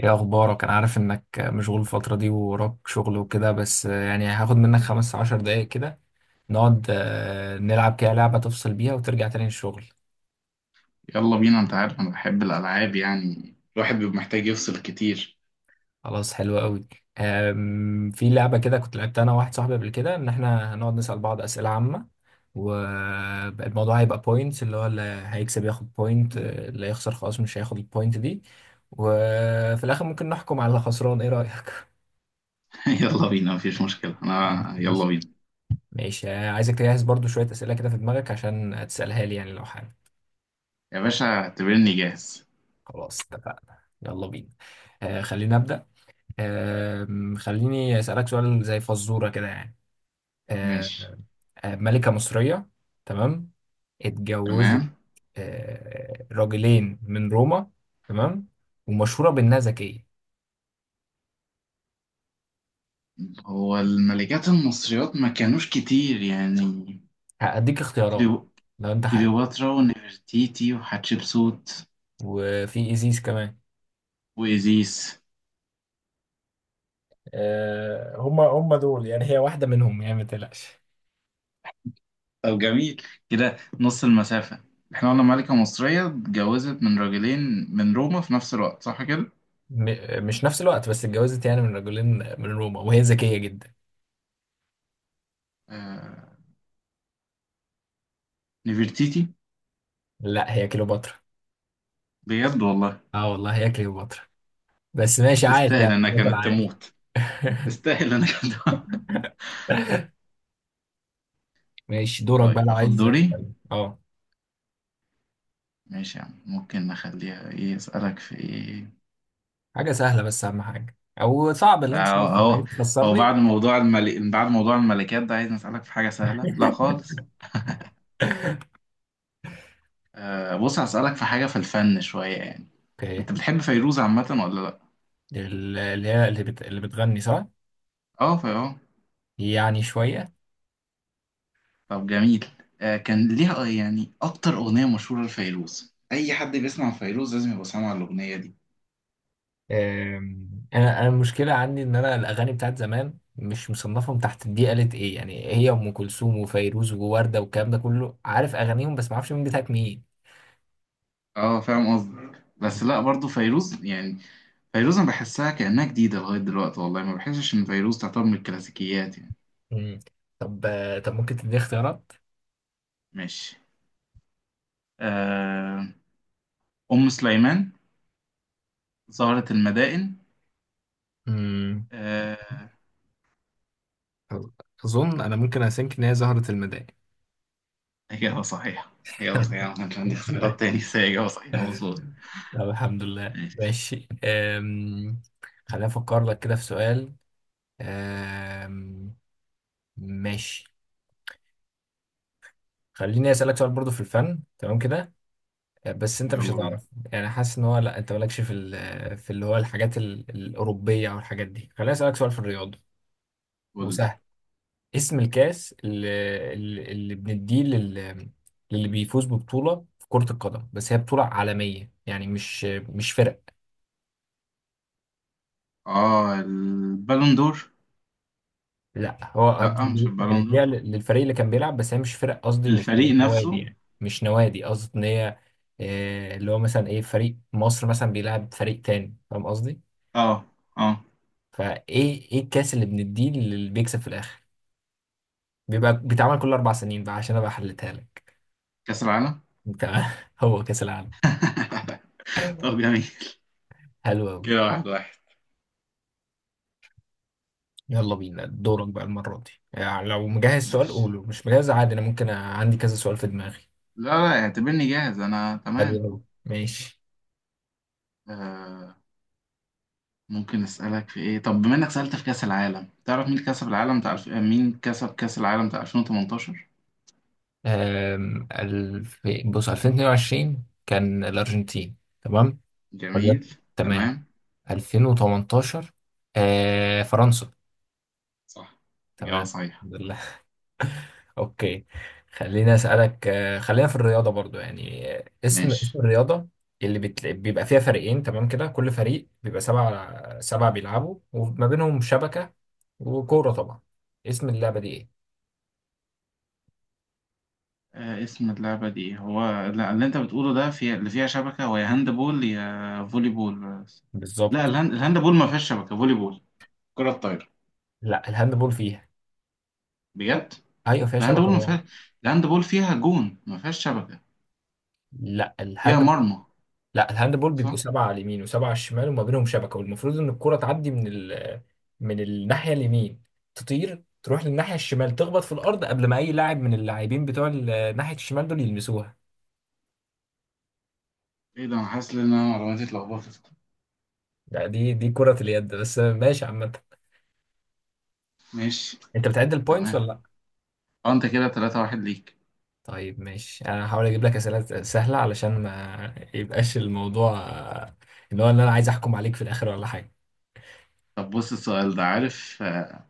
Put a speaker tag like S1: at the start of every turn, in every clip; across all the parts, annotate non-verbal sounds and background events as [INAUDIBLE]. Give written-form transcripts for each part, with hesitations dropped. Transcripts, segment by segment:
S1: ايه اخبارك؟ انا عارف انك مشغول الفترة دي ووراك شغل وكده، بس يعني هاخد منك 15 دقايق كده، نقعد نلعب كده لعبة تفصل بيها وترجع تاني الشغل.
S2: يلا بينا، انت عارف انا بحب الالعاب، يعني الواحد بيبقى محتاج يفصل كتير.
S1: خلاص حلو قوي. في لعبة كده كنت لعبتها انا وواحد صاحبي قبل كده، ان احنا هنقعد نسأل بعض أسئلة عامة، والموضوع هيبقى بوينتس، اللي هو اللي هيكسب ياخد بوينت، اللي هيخسر خلاص مش هياخد البوينت دي، وفي الاخر ممكن نحكم على الخسران. ايه رأيك؟
S2: [LAUGHS] يلا بينا، مفيش مشكلة، انا يلا
S1: [LAUGHS]
S2: بينا.
S1: ماشي. عايزك تجهز برضو شوية أسئلة كده في دماغك عشان تسألها لي يعني، لو حابب.
S2: يا باشا اعتبرني جاهز.
S1: خلاص اتفقنا، يلا بينا. خلينا أبدأ. آه خليني أسألك سؤال زي فزورة كده يعني. آه
S2: ماشي.
S1: ملكة مصرية. تمام. اتجوزت
S2: تمام.
S1: راجلين من روما. تمام. ومشهورة بإنها ذكية.
S2: هو الملكات المصريات ما كانوش كتير يعني.
S1: هأديك اختيارات
S2: كليو...
S1: لو أنت حابب.
S2: كليوباترا ونفرتيتي وحتشبسوت
S1: وفي إيزيس كمان.
S2: وإيزيس.
S1: هما دول يعني، هي واحدة منهم يعني، ما تقلقش.
S2: طب جميل. كده نص المسافة. احنا قلنا ملكة مصرية اتجوزت من راجلين من روما في نفس الوقت، صح كده؟
S1: مش نفس الوقت، بس اتجوزت يعني من رجلين من روما، وهي ذكية جدا.
S2: آه... نفرتيتي.
S1: لا، هي كليوباترا.
S2: بجد والله؟
S1: اه والله هي كليوباترا. بس ماشي، عايش
S2: تستاهل
S1: يعني،
S2: انها
S1: مثلا
S2: كانت
S1: عايش.
S2: تموت.
S1: [LAUGHS]
S2: تستاهل انها كانت تموت.
S1: ماشي،
S2: [LAUGHS]
S1: دورك
S2: طيب
S1: بقى لو
S2: اخد
S1: عايز
S2: دوري.
S1: تسألني. اه،
S2: ماشي يا عم، ممكن نخليها ايه اسالك في ايه؟
S1: حاجة سهلة بس أهم حاجة، أو صعب اللي أنت شايف إن عايز
S2: اهو. هو بعد
S1: تخسرني.
S2: موضوع الملك، بعد موضوع الملكات ده، عايز اسالك في حاجه سهله لا
S1: [LAUGHS]
S2: خالص. آه بص، هسالك في حاجه في الفن شويه يعني.
S1: اوكي.
S2: انت بتحب فيروز عامه ولا لا؟
S1: اللي هي اللي، اللي بتغني، صح؟
S2: اه، في اه.
S1: يعني شوية.
S2: طب جميل. آه كان ليها، يعني اكتر اغنيه مشهوره لفيروز اي حد بيسمع فيروز لازم يبقى سامع الاغنيه دي.
S1: انا المشكله عندي ان انا الاغاني بتاعت زمان مش مصنفهم تحت دي قالت ايه، يعني هي ام كلثوم وفيروز ووردة والكلام ده كله، عارف اغانيهم بس ما اعرفش مين بتاعت مين.
S2: اه فاهم قصدك، بس لا برضو فيروز يعني. فيروز انا بحسها كأنها جديدة لغاية دلوقتي، والله ما بحسش ان فيروز تعتبر من الكلاسيكيات يعني.
S1: مم. طب طب ممكن تديني اختيارات؟
S2: ماشي. آه، أم سليمان، زهرة المدائن،
S1: مم،
S2: آه،
S1: أظ- أظن أنا ممكن أسينك إن هي زهرة المداح.
S2: إجابة صحيحة.
S1: [LAUGHS]
S2: إجابة صحيحة. ما كانش عندي
S1: الحمد
S2: اختيارات
S1: لله.
S2: تاني بس هي إجابة صحيحة مظبوط.
S1: طب الحمد لله،
S2: ماشي.
S1: ماشي. خليني افكر لك كده في سؤال. أم... ماشي. خليني اسالك سؤال برضو في الفن، تمام كده، بس انت مش
S2: يلا بينا،
S1: هتعرف يعني، حاسس ان هو، لا انت مالكش في في اللي هو الحاجات الاوروبيه او الحاجات دي. خليني اسالك سؤال في الرياضه
S2: قول لي.
S1: وسهل. اسم الكاس اللي، اللي بنديه للي بيفوز ببطوله في كره القدم، بس هي بطوله عالميه يعني، مش فرق.
S2: اه البالون دور.
S1: لا، هو
S2: لا مش البالون
S1: بنديها
S2: دور،
S1: للفريق اللي كان بيلعب، بس هي مش فرق قصدي، مش
S2: الفريق
S1: نوادي
S2: نفسه.
S1: يعني، مش نوادي قصدي ان هي، اللي هو مثلا ايه، فريق مصر مثلا بيلعب فريق تاني، فاهم قصدي؟
S2: اه. اه.
S1: فايه، ايه الكاس اللي بنديه اللي بيكسب في الاخر، بيبقى بيتعمل كل 4 سنين بقى، عشان ابقى حلتها لك.
S2: كأس العالم.
S1: تمام. [LAUGHS] هو كاس العالم.
S2: [LAUGHS] طب جميل.
S1: حلو قوي.
S2: كده واحد واحد.
S1: يلا بينا، دورك بقى المره دي، يعني لو مجهز سؤال
S2: ماشي.
S1: قوله، مش مجهز عادي، انا ممكن عندي كذا سؤال في دماغي.
S2: لا لا، اعتبرني جاهز، انا
S1: حلو
S2: تمام.
S1: قوي، ماشي.
S2: آه. ممكن اسالك في ايه، طب بما انك سالت في كاس العالم، تعرف مين كسب العالم بتاع مين كسب كاس العالم بتاع 2018؟
S1: بص، 2022 كان الارجنتين. تمام. ولا،
S2: جميل.
S1: تمام.
S2: تمام.
S1: 2018 فرنسا.
S2: صح. اجابه
S1: تمام.
S2: صحيحه.
S1: اوكي. خليني اسالك خلينا في الرياضه برضو يعني. اسم
S2: ماشي.
S1: اسم الرياضه بيبقى فيها فريقين، تمام كده، كل فريق بيبقى سبعة سبعة بيلعبوا، وما بينهم شبكه وكوره طبعا. اسم اللعبه دي ايه؟
S2: آه اسم اللعبه دي إيه؟ هو لا، اللي انت بتقوله ده في اللي فيها شبكه، هو يا هاند بول يا فولي بول. لا
S1: بالظبط.
S2: الهاند بول ما فيهاش شبكه. فولي بول. كره طايره.
S1: لا، الهاندبول فيها.
S2: بجد؟
S1: ايوه، فيها
S2: الهاند
S1: شبكه
S2: بول ما
S1: طبعا.
S2: فيها. الهاند بول فيها جون، ما فيهاش شبكه.
S1: لا
S2: فيها
S1: الهاند.
S2: مرمى.
S1: لا، الهاندبول بيبقوا
S2: صح.
S1: سبعة على اليمين وسبعة على الشمال وما بينهم شبكة، والمفروض إن الكرة تعدي من من الناحية اليمين، تطير تروح للناحية الشمال، تخبط في الأرض قبل ما أي لاعب من اللاعبين بتوع ناحية الشمال دول يلمسوها.
S2: ايه ده؟ انا حاسس ان انا معلوماتي اتلخبطت.
S1: لا، دي كرة اليد بس، ماشي عامة.
S2: ماشي.
S1: أنت بتعد البوينتس
S2: تمام.
S1: ولا لأ؟
S2: اه انت كده 3-1 ليك.
S1: طيب ماشي، أنا هحاول أجيب لك أسئلة سهلة علشان ما يبقاش الموضوع، اللي هو اللي أنا عايز أحكم عليك في الآخر ولا حاجة.
S2: طب بص السؤال ده، عارف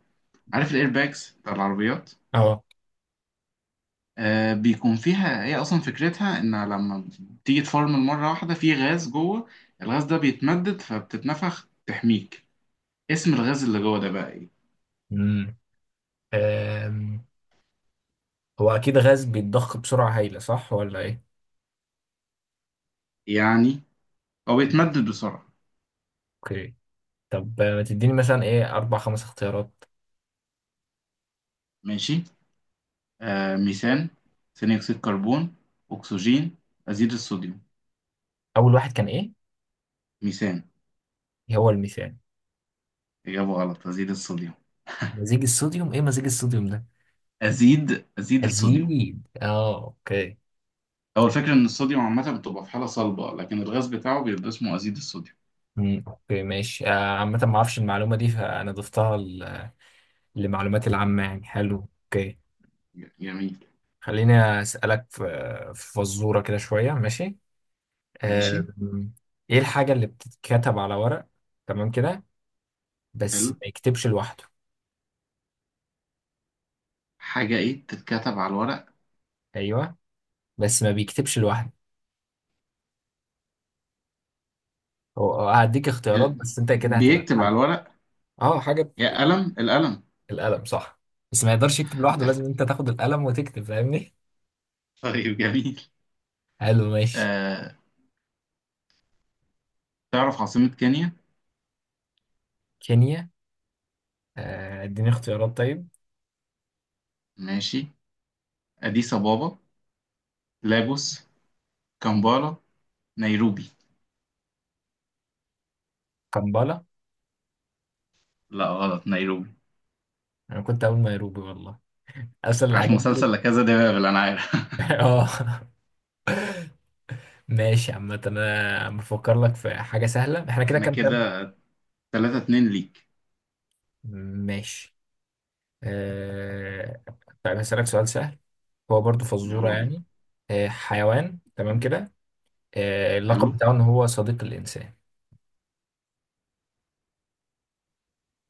S2: عارف الايرباكس بتاع العربيات؟
S1: أه.
S2: آه بيكون فيها، هي اصلا فكرتها ان لما تيجي تفرمل مره واحده في غاز جوه، الغاز ده بيتمدد فبتتنفخ تحميك. اسم الغاز اللي جوه ده بقى ايه؟
S1: أمم أم، هو أكيد غاز بيتضخ بسرعة هايلة، صح ولا إيه؟
S2: يعني هو بيتمدد بسرعه.
S1: اوكي. طب ما تديني مثلا ايه اربع خمس اختيارات.
S2: ماشي. آه ميثان، ثاني اكسيد كربون، اكسجين، ازيد الصوديوم.
S1: اول واحد كان ايه؟
S2: ميثان.
S1: هو الميثان.
S2: اجابه غلط، ازيد الصوديوم.
S1: مزيج الصوديوم، ايه مزيج الصوديوم ده؟
S2: ازيد الصوديوم.
S1: الزيد، اه، اوكي.
S2: هو الفكرة إن الصوديوم عامة بتبقى في حالة صلبة لكن الغاز بتاعه بيبقى اسمه أزيد الصوديوم.
S1: اوكي ماشي. عامة ما اعرفش المعلومة دي، فانا ضفتها لمعلوماتي العامة يعني. حلو، اوكي.
S2: جميل.
S1: خليني اسألك في فزورة كده شوية، ماشي.
S2: ماشي.
S1: آم، ايه الحاجة اللي بتتكتب على ورق، تمام كده، بس
S2: حلو.
S1: ما يكتبش لوحده؟
S2: حاجة إيه تتكتب على الورق؟
S1: ايوه، بس ما بيكتبش لوحده. هو هديك اختيارات، بس انت كده هتبقى
S2: بيكتب على
S1: حل.
S2: الورق.
S1: اه، حاجة.
S2: يا قلم، القلم.
S1: القلم، صح. بس ما يقدرش يكتب لوحده،
S2: القلم.
S1: لازم انت تاخد القلم وتكتب، فاهمني؟
S2: [LAUGHS] طيب جميل.
S1: حلو ماشي.
S2: آه تعرف عاصمة كينيا؟
S1: كينيا. اديني اختيارات طيب.
S2: ماشي. أديس أبابا، لاجوس، كامبالا، نيروبي.
S1: كمبالا.
S2: لا غلط، نيروبي.
S1: انا كنت اقول نيروبي والله. اسال
S2: عشان
S1: الحاجات دي.
S2: مسلسل، لا كذا ده بابل أنا عارف. [LAUGHS]
S1: [LAUGHS] اه ماشي. عامة انا بفكر لك في حاجة سهلة. احنا كده
S2: إحنا
S1: كام كام؟
S2: كده 3-2 ليك.
S1: ماشي. أه... طيب هسألك سؤال سهل، هو برضو فزورة
S2: يلا بينا.
S1: يعني. حيوان، تمام كده، اللقب
S2: حلو.
S1: بتاعه ان هو صديق الانسان.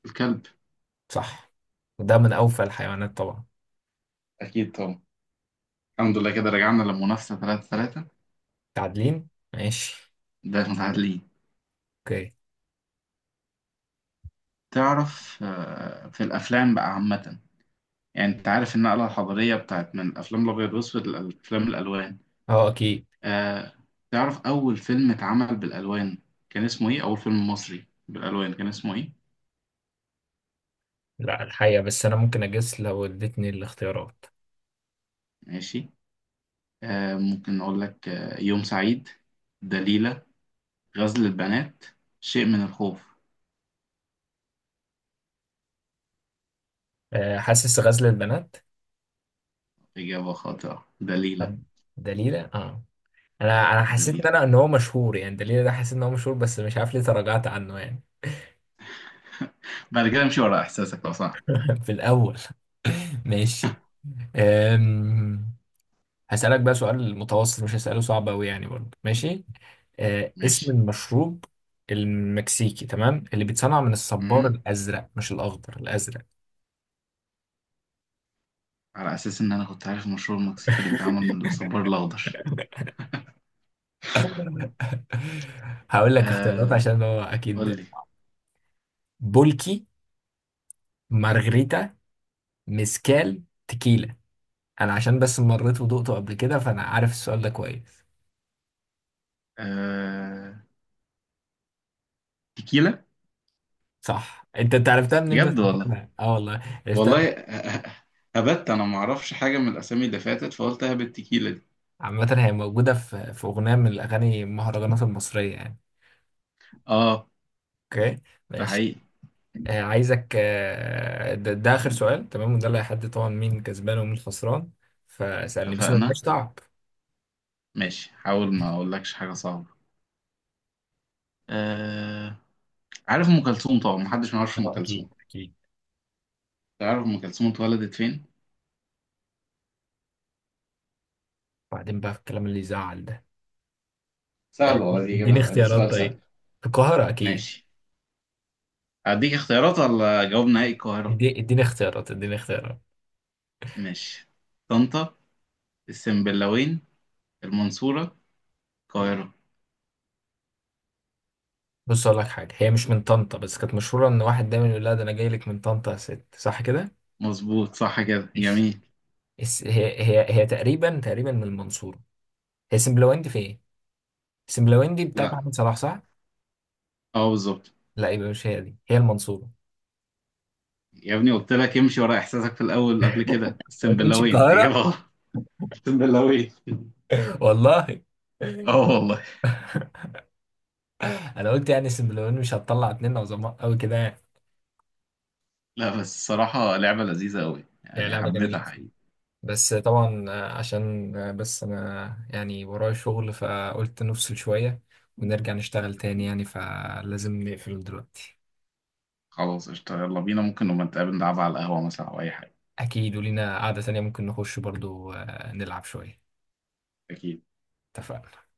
S2: الكلب.
S1: صح، وده من اوفى الحيوانات طبعا.
S2: أكيد طبعا. الحمد لله كده رجعنا للمنافسة، تلاتة تلاتة.
S1: تعادلين، ماشي.
S2: ده متعادلين.
S1: اوكي.
S2: تعرف في الأفلام بقى عامة؟ يعني أنت عارف النقلة الحضارية بتاعت من الأفلام الأبيض والأسود لأفلام الألوان.
S1: اه اكيد.
S2: آه، تعرف أول فيلم اتعمل بالألوان كان اسمه إيه؟ أول فيلم مصري بالألوان كان اسمه إيه؟
S1: لا الحقيقة، بس انا ممكن اجس لو اديتني الاختيارات.
S2: ماشي. ممكن أقول لك يوم سعيد، دليلة، غزل البنات، شيء من الخوف.
S1: حاسس غزل البنات.
S2: إجابة خاطئة، دليلة.
S1: طب دليلة، اه. انا حسيت ان
S2: دليلة.
S1: انا ان هو مشهور يعني، دليلة ده حسيت ان هو مشهور، بس مش عارف ليه تراجعت عنه يعني.
S2: بعد كده امشي ورا إحساسك لو سمحت.
S1: [LAUGHS] في الاول. ماشي. أم... هسألك بقى سؤال متوسط، مش هسأله صعب أوي يعني، برضه ماشي. اسم
S2: ماشي.
S1: المشروب المكسيكي، تمام، اللي بيتصنع من الصبار الأزرق، مش الأخضر، الأزرق.
S2: على أساس إن أنا كنت عارف المشروب المكسيكي اللي بيتعمل من
S1: [LAUGHS]
S2: الصبار الأخضر.
S1: [LAUGHS] هقول لك اختيارات
S2: آه
S1: عشان هو
S2: قول
S1: اكيد.
S2: لي.
S1: بولكي، مارغريتا، ميسكال، تكيلا. انا عشان بس مريت ودقته قبل كده، فانا عارف السؤال ده كويس.
S2: آه تيكيلا.
S1: صح، انت عرفتها منين بس؟
S2: بجد والله؟
S1: اه والله عرفتها.
S2: والله. [LAUGHS] هبت. أنا معرفش حاجة من الأسامي اللي فاتت فقلت هبت التيكيلا دي.
S1: عامة هي موجودة في أغنية من الأغاني المهرجانات المصرية يعني.
S2: آه.
S1: أوكي
S2: ده
S1: ماشي.
S2: حقيقي.
S1: عايزك، ده آخر سؤال تمام، وده اللي هيحدد طبعا مين كسبان ومين خسران. فسألني بس ما يبقاش
S2: اتفقنا.
S1: تعب.
S2: ماشي، حاول ما أقولكش حاجة صعبة. آه عارف أم كلثوم طبعا، محدش ما يعرفش أم
S1: اه
S2: كلثوم.
S1: اكيد اكيد.
S2: تعرف أم كلثوم اتولدت فين؟
S1: بعدين بقى في الكلام اللي يزعل ده.
S2: سهل والله، دي
S1: اديني
S2: إجابة، دي
S1: اختيارات
S2: سؤال سهل.
S1: طيب، في القاهرة أكيد.
S2: ماشي. أديك اختيارات ولا جواب نهائي القاهرة؟
S1: اديني اختيارات.
S2: ماشي. طنطا، السنبلاوين، المنصورة، القاهرة.
S1: بص أقول لك حاجة، هي مش من طنطا، بس كانت مشهورة إن واحد دايما يقول لها: ده أنا جاي لك من طنطا يا ست، صح كده؟
S2: مظبوط صح كده،
S1: ماشي.
S2: جميل.
S1: هي تقريبا تقريبا من المنصورة. هي سمبلويندي في إيه؟ سمبلويندي بتاعت
S2: لا.
S1: محمد صلاح، صح؟
S2: اه بالظبط.
S1: لا، يبقى مش هي دي، هي المنصورة.
S2: يا ابني قلت لك امشي ورا احساسك في الاول قبل كده،
S1: ما
S2: اقسم بالله
S1: تقولش
S2: وين اجابة
S1: القاهرة.
S2: غلط. اقسم بالله وين.
S1: [LAUGHS] والله.
S2: اه والله.
S1: أنا قلت يعني سمبلويندي مش هتطلع اتنين عظماء أوي كده يعني.
S2: لا بس الصراحة لعبة لذيذة قوي،
S1: هي
S2: يعني
S1: لعبة
S2: حبيتها
S1: جميلة،
S2: حقيقي.
S1: بس طبعا عشان بس انا يعني ورايا شغل، فقلت نفصل شوية ونرجع نشتغل تاني يعني، فلازم نقفل دلوقتي.
S2: خلاص قشطة، يلا بينا، ممكن نبقى نتقابل نلعبها على القهوة مثلا او اي حاجة.
S1: اكيد، ولينا قعدة تانية، ممكن نخش برضو نلعب شوية.
S2: اكيد.
S1: اتفقنا.